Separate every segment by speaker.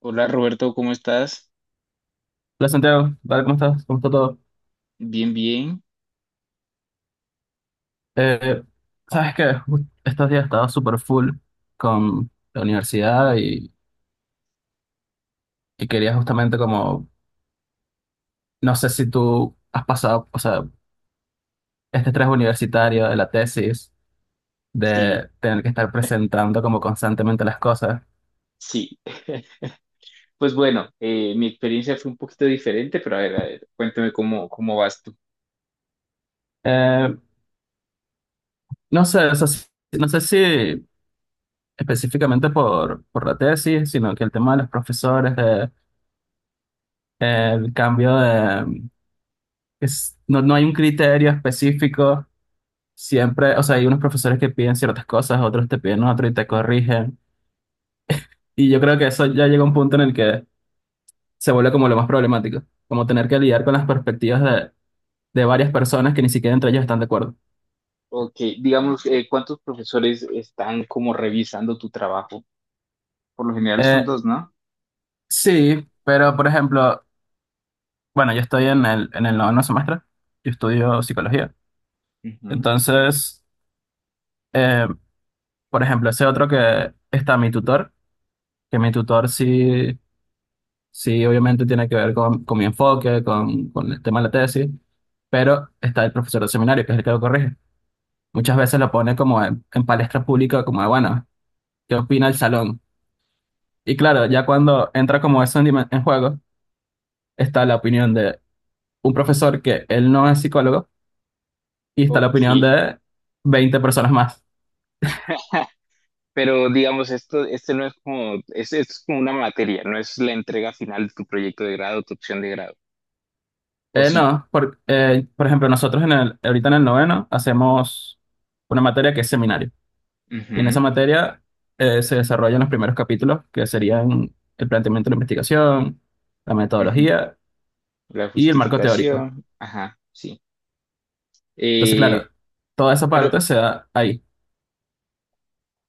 Speaker 1: Hola Roberto, ¿cómo estás?
Speaker 2: Hola Santiago, ¿qué ¿Cómo estás? ¿Cómo está todo?
Speaker 1: Bien, bien.
Speaker 2: Eh, sabes que estos días estaba súper full con la universidad y quería justamente como, no sé si tú has pasado, o sea, este estrés universitario de la tesis,
Speaker 1: Sí,
Speaker 2: de tener que estar presentando como constantemente las cosas.
Speaker 1: sí. Pues bueno, mi experiencia fue un poquito diferente, pero a ver, cuéntame cómo vas tú.
Speaker 2: Eh, no sé, o sea, no sé si específicamente por la tesis, sino que el tema de los profesores, de, el cambio de... no, no hay un criterio específico. Siempre, o sea, hay unos profesores que piden ciertas cosas, otros te piden otro y te corrigen. Y yo creo que eso ya llega a un punto en el que se vuelve como lo más problemático, como tener que lidiar con las perspectivas de varias personas que ni siquiera entre ellos están de acuerdo.
Speaker 1: Ok, digamos, ¿cuántos profesores están como revisando tu trabajo? Por lo general son
Speaker 2: Eh,
Speaker 1: dos, ¿no?
Speaker 2: sí, pero por ejemplo, bueno, yo estoy en el 9.º semestre, yo estudio psicología.
Speaker 1: Ujú.
Speaker 2: Entonces, eh, por ejemplo, ese otro que está mi tutor, que mi tutor sí. Sí, obviamente tiene que ver con mi enfoque, con el tema de la tesis, pero está el profesor del seminario, que es el que lo corrige. Muchas veces lo pone como en palestra pública, como de, bueno, ¿qué opina el salón? Y claro, ya cuando entra como eso en, en juego, está la opinión de un profesor que él no es psicólogo y está la
Speaker 1: Ok.
Speaker 2: opinión de 20 personas más.
Speaker 1: Pero digamos, este no es esto es como una materia, no es la entrega final de tu proyecto de grado, tu opción de grado, ¿o sí?
Speaker 2: No, por ejemplo, nosotros en el, ahorita en el noveno hacemos una materia que es seminario. Y en esa
Speaker 1: Ujú,
Speaker 2: materia se desarrollan los primeros capítulos, que serían el planteamiento de la investigación, la
Speaker 1: ujú.
Speaker 2: metodología
Speaker 1: La
Speaker 2: y el marco teórico.
Speaker 1: justificación, ajá, sí.
Speaker 2: Entonces,
Speaker 1: Eh,
Speaker 2: claro, toda esa
Speaker 1: pero
Speaker 2: parte se da ahí.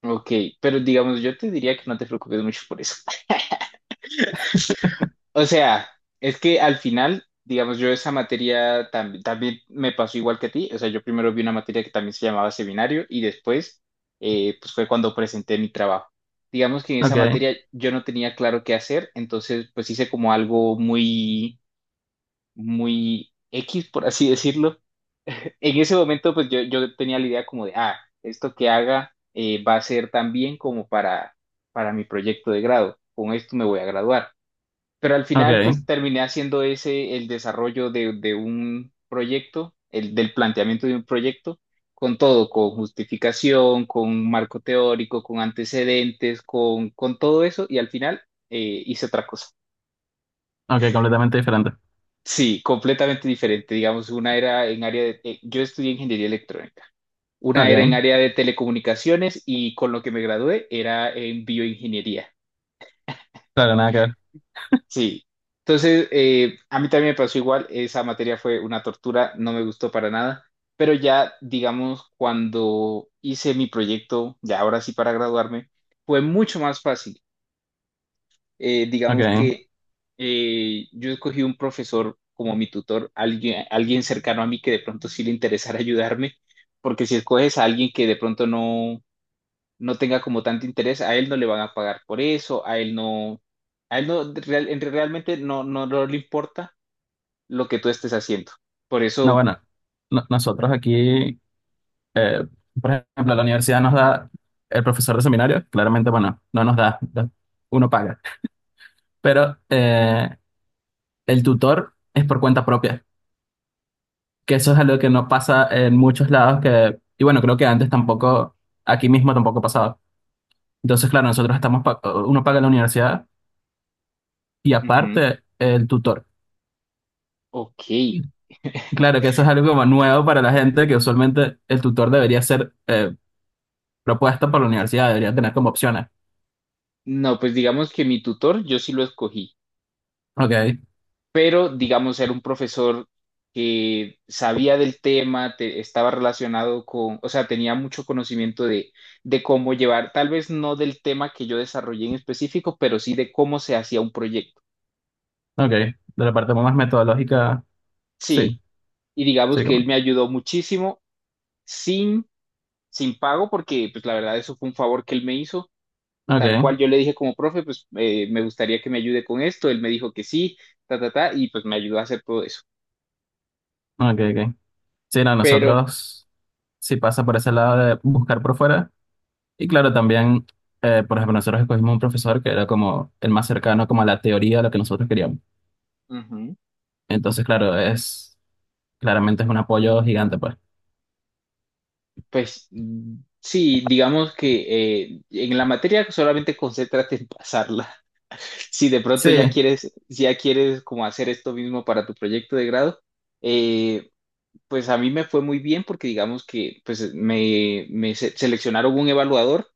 Speaker 1: Ok, pero digamos, yo te diría que no te preocupes mucho por eso. O sea, es que al final, digamos, yo esa materia también me pasó igual que a ti. O sea, yo primero vi una materia que también se llamaba seminario y después, pues fue cuando presenté mi trabajo. Digamos que en esa
Speaker 2: Ok,
Speaker 1: materia yo no tenía claro qué hacer, entonces pues hice como algo muy X, por así decirlo. En ese momento, pues yo tenía la idea como de, ah, esto que haga va a ser tan bien como para mi proyecto de grado, con esto me voy a graduar. Pero al final,
Speaker 2: ok,
Speaker 1: pues terminé haciendo el desarrollo de un proyecto, el del planteamiento de un proyecto, con todo, con justificación, con un marco teórico, con antecedentes, con todo eso, y al final hice otra cosa.
Speaker 2: ok, completamente diferente.
Speaker 1: Sí, completamente diferente. Digamos, una era en área de... yo estudié ingeniería electrónica. Una era en
Speaker 2: Ok,
Speaker 1: área de telecomunicaciones y con lo que me gradué era en bioingeniería.
Speaker 2: claro, nada que ver.
Speaker 1: Sí. Entonces, a mí también me pasó igual, esa materia fue una tortura, no me gustó para nada, pero ya, digamos, cuando hice mi proyecto, ya ahora sí para graduarme, fue mucho más fácil.
Speaker 2: Ok,
Speaker 1: Digamos que yo escogí un profesor como mi tutor, alguien, alguien cercano a mí que de pronto sí le interesara ayudarme, porque si escoges a alguien que de pronto no tenga como tanto interés, a él no le van a pagar por eso, a él realmente no le importa lo que tú estés haciendo. Por
Speaker 2: no,
Speaker 1: eso,
Speaker 2: bueno, nosotros aquí, eh, por ejemplo, la universidad nos da el profesor de seminario, claramente, bueno, no nos da, uno paga, pero el tutor es por cuenta propia. Que eso es algo que no pasa en muchos lados que, y bueno, creo que antes tampoco, aquí mismo tampoco pasaba. Entonces, claro, nosotros estamos, uno paga la universidad y
Speaker 1: ujú,
Speaker 2: aparte el tutor.
Speaker 1: ok,
Speaker 2: Claro que eso es algo como nuevo para la gente, que usualmente el tutor debería ser propuesto por la universidad, debería tener como opciones.
Speaker 1: no, pues digamos que mi tutor yo sí lo escogí,
Speaker 2: Ok,
Speaker 1: pero digamos era un profesor que sabía del tema, estaba relacionado con, o sea, tenía mucho conocimiento de cómo llevar, tal vez no del tema que yo desarrollé en específico, pero sí de cómo se hacía un proyecto.
Speaker 2: ok. De la parte más metodológica, sí,
Speaker 1: Sí, y digamos
Speaker 2: sí,
Speaker 1: que
Speaker 2: como.
Speaker 1: él me ayudó muchísimo sin, sin pago, porque pues la verdad eso fue un favor que él me hizo, tal
Speaker 2: Ok,
Speaker 1: cual yo le dije como profe, pues me gustaría que me ayude con esto, él me dijo que sí, ta, ta, ta, y pues me ayudó a hacer todo eso.
Speaker 2: ok, ok. Sí, no,
Speaker 1: Pero
Speaker 2: nosotros, sí pasa por ese lado de buscar por fuera. Y claro, también, por ejemplo, nosotros escogimos un profesor que era como el más cercano como a la teoría de lo que nosotros queríamos.
Speaker 1: Ujú.
Speaker 2: Entonces, claro, es claramente es un apoyo gigante, pues.
Speaker 1: Pues mm, sí, digamos que en la materia solamente concéntrate en pasarla. Si de pronto
Speaker 2: Sí,
Speaker 1: ya quieres, si ya quieres como hacer esto mismo para tu proyecto de grado, eh, pues a mí me fue muy bien porque digamos que seleccionaron un evaluador,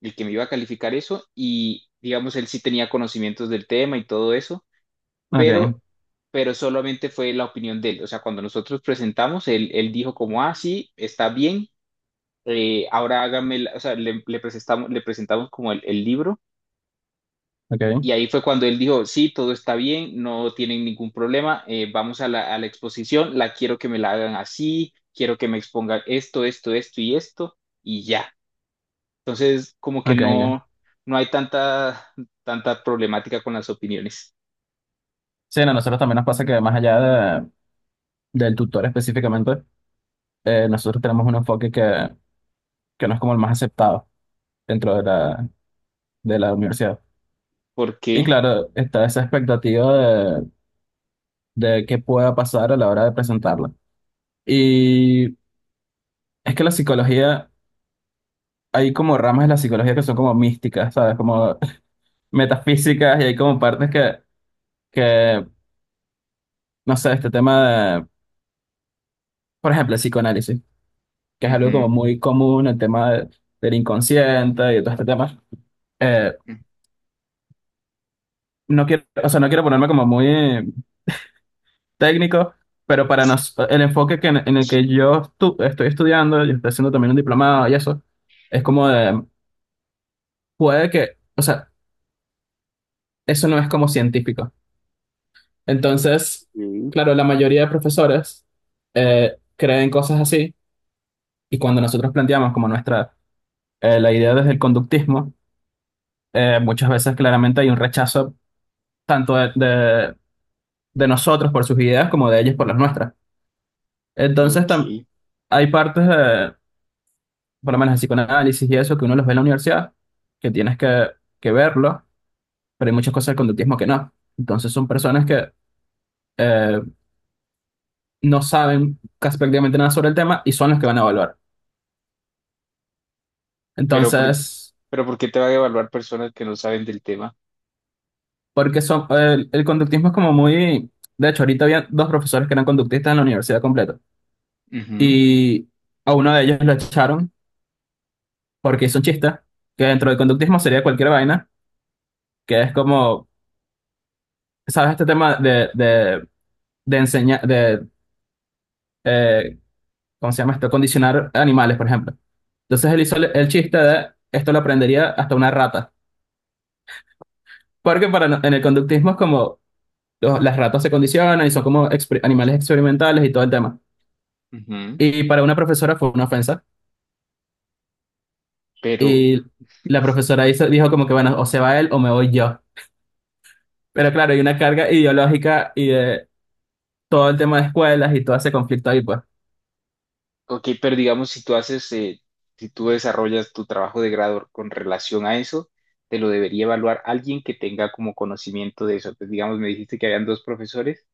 Speaker 1: el que me iba a calificar eso, y digamos él sí tenía conocimientos del tema y todo eso,
Speaker 2: ok,
Speaker 1: pero pero solamente fue la opinión de él. O sea, cuando nosotros presentamos, él dijo como, ah, sí, está bien, ahora hágame, o sea, le presentamos como el libro,
Speaker 2: ok,
Speaker 1: y ahí fue cuando él dijo, sí, todo está bien, no tienen ningún problema, vamos a a la exposición, la quiero que me la hagan así, quiero que me expongan esto, esto, esto y esto y ya. Entonces, como que
Speaker 2: ok, ok.
Speaker 1: no, no hay tanta problemática con las opiniones.
Speaker 2: Sí, no, nosotros también nos pasa que más allá del tutor específicamente, nosotros tenemos un enfoque que no es como el más aceptado dentro de la universidad.
Speaker 1: ¿Por
Speaker 2: Y
Speaker 1: qué?
Speaker 2: claro, está esa expectativa de qué pueda pasar a la hora de presentarla. Y es que la psicología... hay como ramas de la psicología que son como místicas, ¿sabes? Como metafísicas y hay como partes que no sé, este tema de, por ejemplo, el psicoanálisis, que es algo como
Speaker 1: Ujú,
Speaker 2: muy común, el tema del inconsciente y todo este tema. Eh, no quiero, o sea, no quiero ponerme como muy técnico, pero para nos, el enfoque que en el que yo estoy estudiando, yo estoy haciendo también un diplomado y eso, es como de, puede que, o sea, eso no es como científico. Entonces,
Speaker 1: ujú,
Speaker 2: claro, la mayoría de profesores creen cosas así y cuando nosotros planteamos como nuestra, la idea desde el conductismo, muchas veces claramente hay un rechazo tanto de, de nosotros por sus ideas como de ellos por las nuestras. Entonces,
Speaker 1: ok.
Speaker 2: hay partes, de, por lo menos en psicoanálisis y eso, que uno los ve en la universidad, que tienes que verlo, pero hay muchas cosas del conductismo que no. Entonces, son personas que eh, no saben casi prácticamente nada sobre el tema y son los que van a evaluar.
Speaker 1: Pero por,
Speaker 2: Entonces,
Speaker 1: pero ¿por qué te van a evaluar personas que no saben del tema?
Speaker 2: porque son, el conductismo es como muy... De hecho, ahorita había dos profesores que eran conductistas en la universidad completa.
Speaker 1: Ujú,
Speaker 2: Y a uno de ellos lo echaron porque hizo un chiste, que dentro del conductismo sería cualquier vaina, que es como, ¿sabes? Este tema de enseñar, de, eh, ¿cómo se llama esto? Condicionar animales, por ejemplo. Entonces él hizo el chiste de, esto lo aprendería hasta una rata. Porque para, en el conductismo es como, las ratas se condicionan y son como animales experimentales y todo el tema.
Speaker 1: ujú.
Speaker 2: Y para una profesora fue una ofensa.
Speaker 1: Pero,
Speaker 2: Y la profesora hizo, dijo como que, bueno, o se va él o me voy yo. Pero claro, hay una carga ideológica y de todo el tema de escuelas y todo ese conflicto ahí, pues.
Speaker 1: ok, pero digamos, si tú haces, si tú desarrollas tu trabajo de grado con relación a eso, te lo debería evaluar alguien que tenga como conocimiento de eso. Entonces, digamos, me dijiste que habían dos profesores,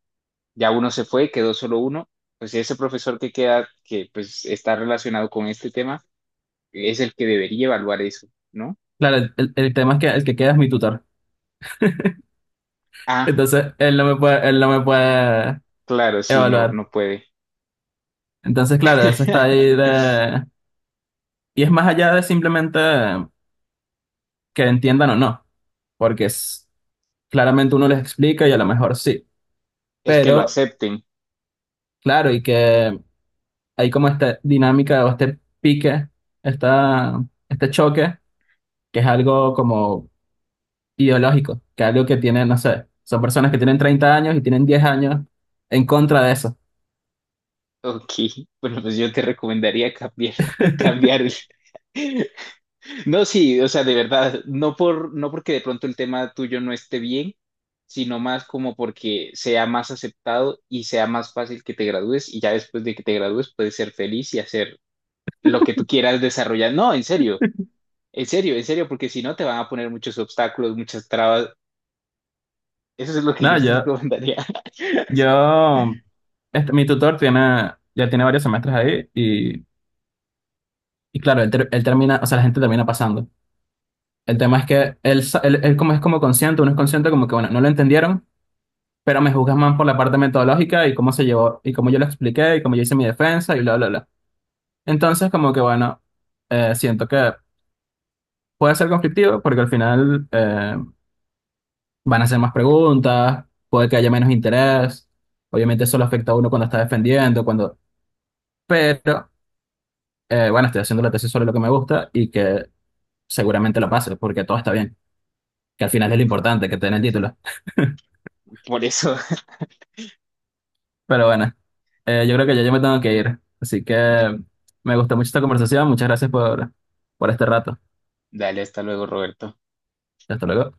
Speaker 1: ya uno se fue, quedó solo uno, pues ese profesor que queda, que pues está relacionado con este tema, es el que debería evaluar eso, ¿no?
Speaker 2: Claro, el tema es que el que queda es mi tutor.
Speaker 1: Ah,
Speaker 2: Entonces, él no me puede
Speaker 1: claro, sí, no,
Speaker 2: evaluar.
Speaker 1: no puede.
Speaker 2: Entonces, claro, eso está ahí de... Y es más allá de simplemente que entiendan o no, porque es, claramente uno les explica y a lo mejor sí.
Speaker 1: Es que lo
Speaker 2: Pero,
Speaker 1: acepten.
Speaker 2: claro, y que hay como esta dinámica o este pique, esta, este choque que es algo como ideológico, que es algo que tiene no sé, son personas que tienen 30 años y tienen 10 años en contra de eso.
Speaker 1: Ok, bueno, pues yo te recomendaría cambiar, cambiar. El- No, sí, o sea, de verdad, no porque de pronto el tema tuyo no esté bien, sino más como porque sea más aceptado y sea más fácil que te gradúes, y ya después de que te gradúes puedes ser feliz y hacer lo que tú quieras desarrollar. No, en serio, en serio, en serio, porque si no te van a poner muchos obstáculos, muchas trabas. Eso es lo que
Speaker 2: No,
Speaker 1: yo te recomendaría.
Speaker 2: yo, este, mi tutor tiene, ya tiene varios semestres ahí y claro, él, él termina, o sea, la gente termina pasando. El tema es que él, él, él como es como consciente, uno es consciente como que, bueno, no lo entendieron, pero me juzgan más por la parte metodológica y cómo se llevó, y cómo yo lo expliqué y cómo yo hice mi defensa y bla, bla, bla. Entonces, como que, bueno, siento que puede ser conflictivo porque al final... van a hacer más preguntas, puede que haya menos interés. Obviamente eso lo afecta a uno cuando está defendiendo, cuando... Pero, bueno, estoy haciendo la tesis sobre lo que me gusta y que seguramente lo pase, porque todo está bien, que al final es lo importante, que te den el título.
Speaker 1: Por eso,
Speaker 2: Pero bueno, yo creo que ya yo me tengo que ir. Así que me gustó mucho esta conversación. Muchas gracias por este rato.
Speaker 1: dale, hasta luego, Roberto.
Speaker 2: Hasta luego.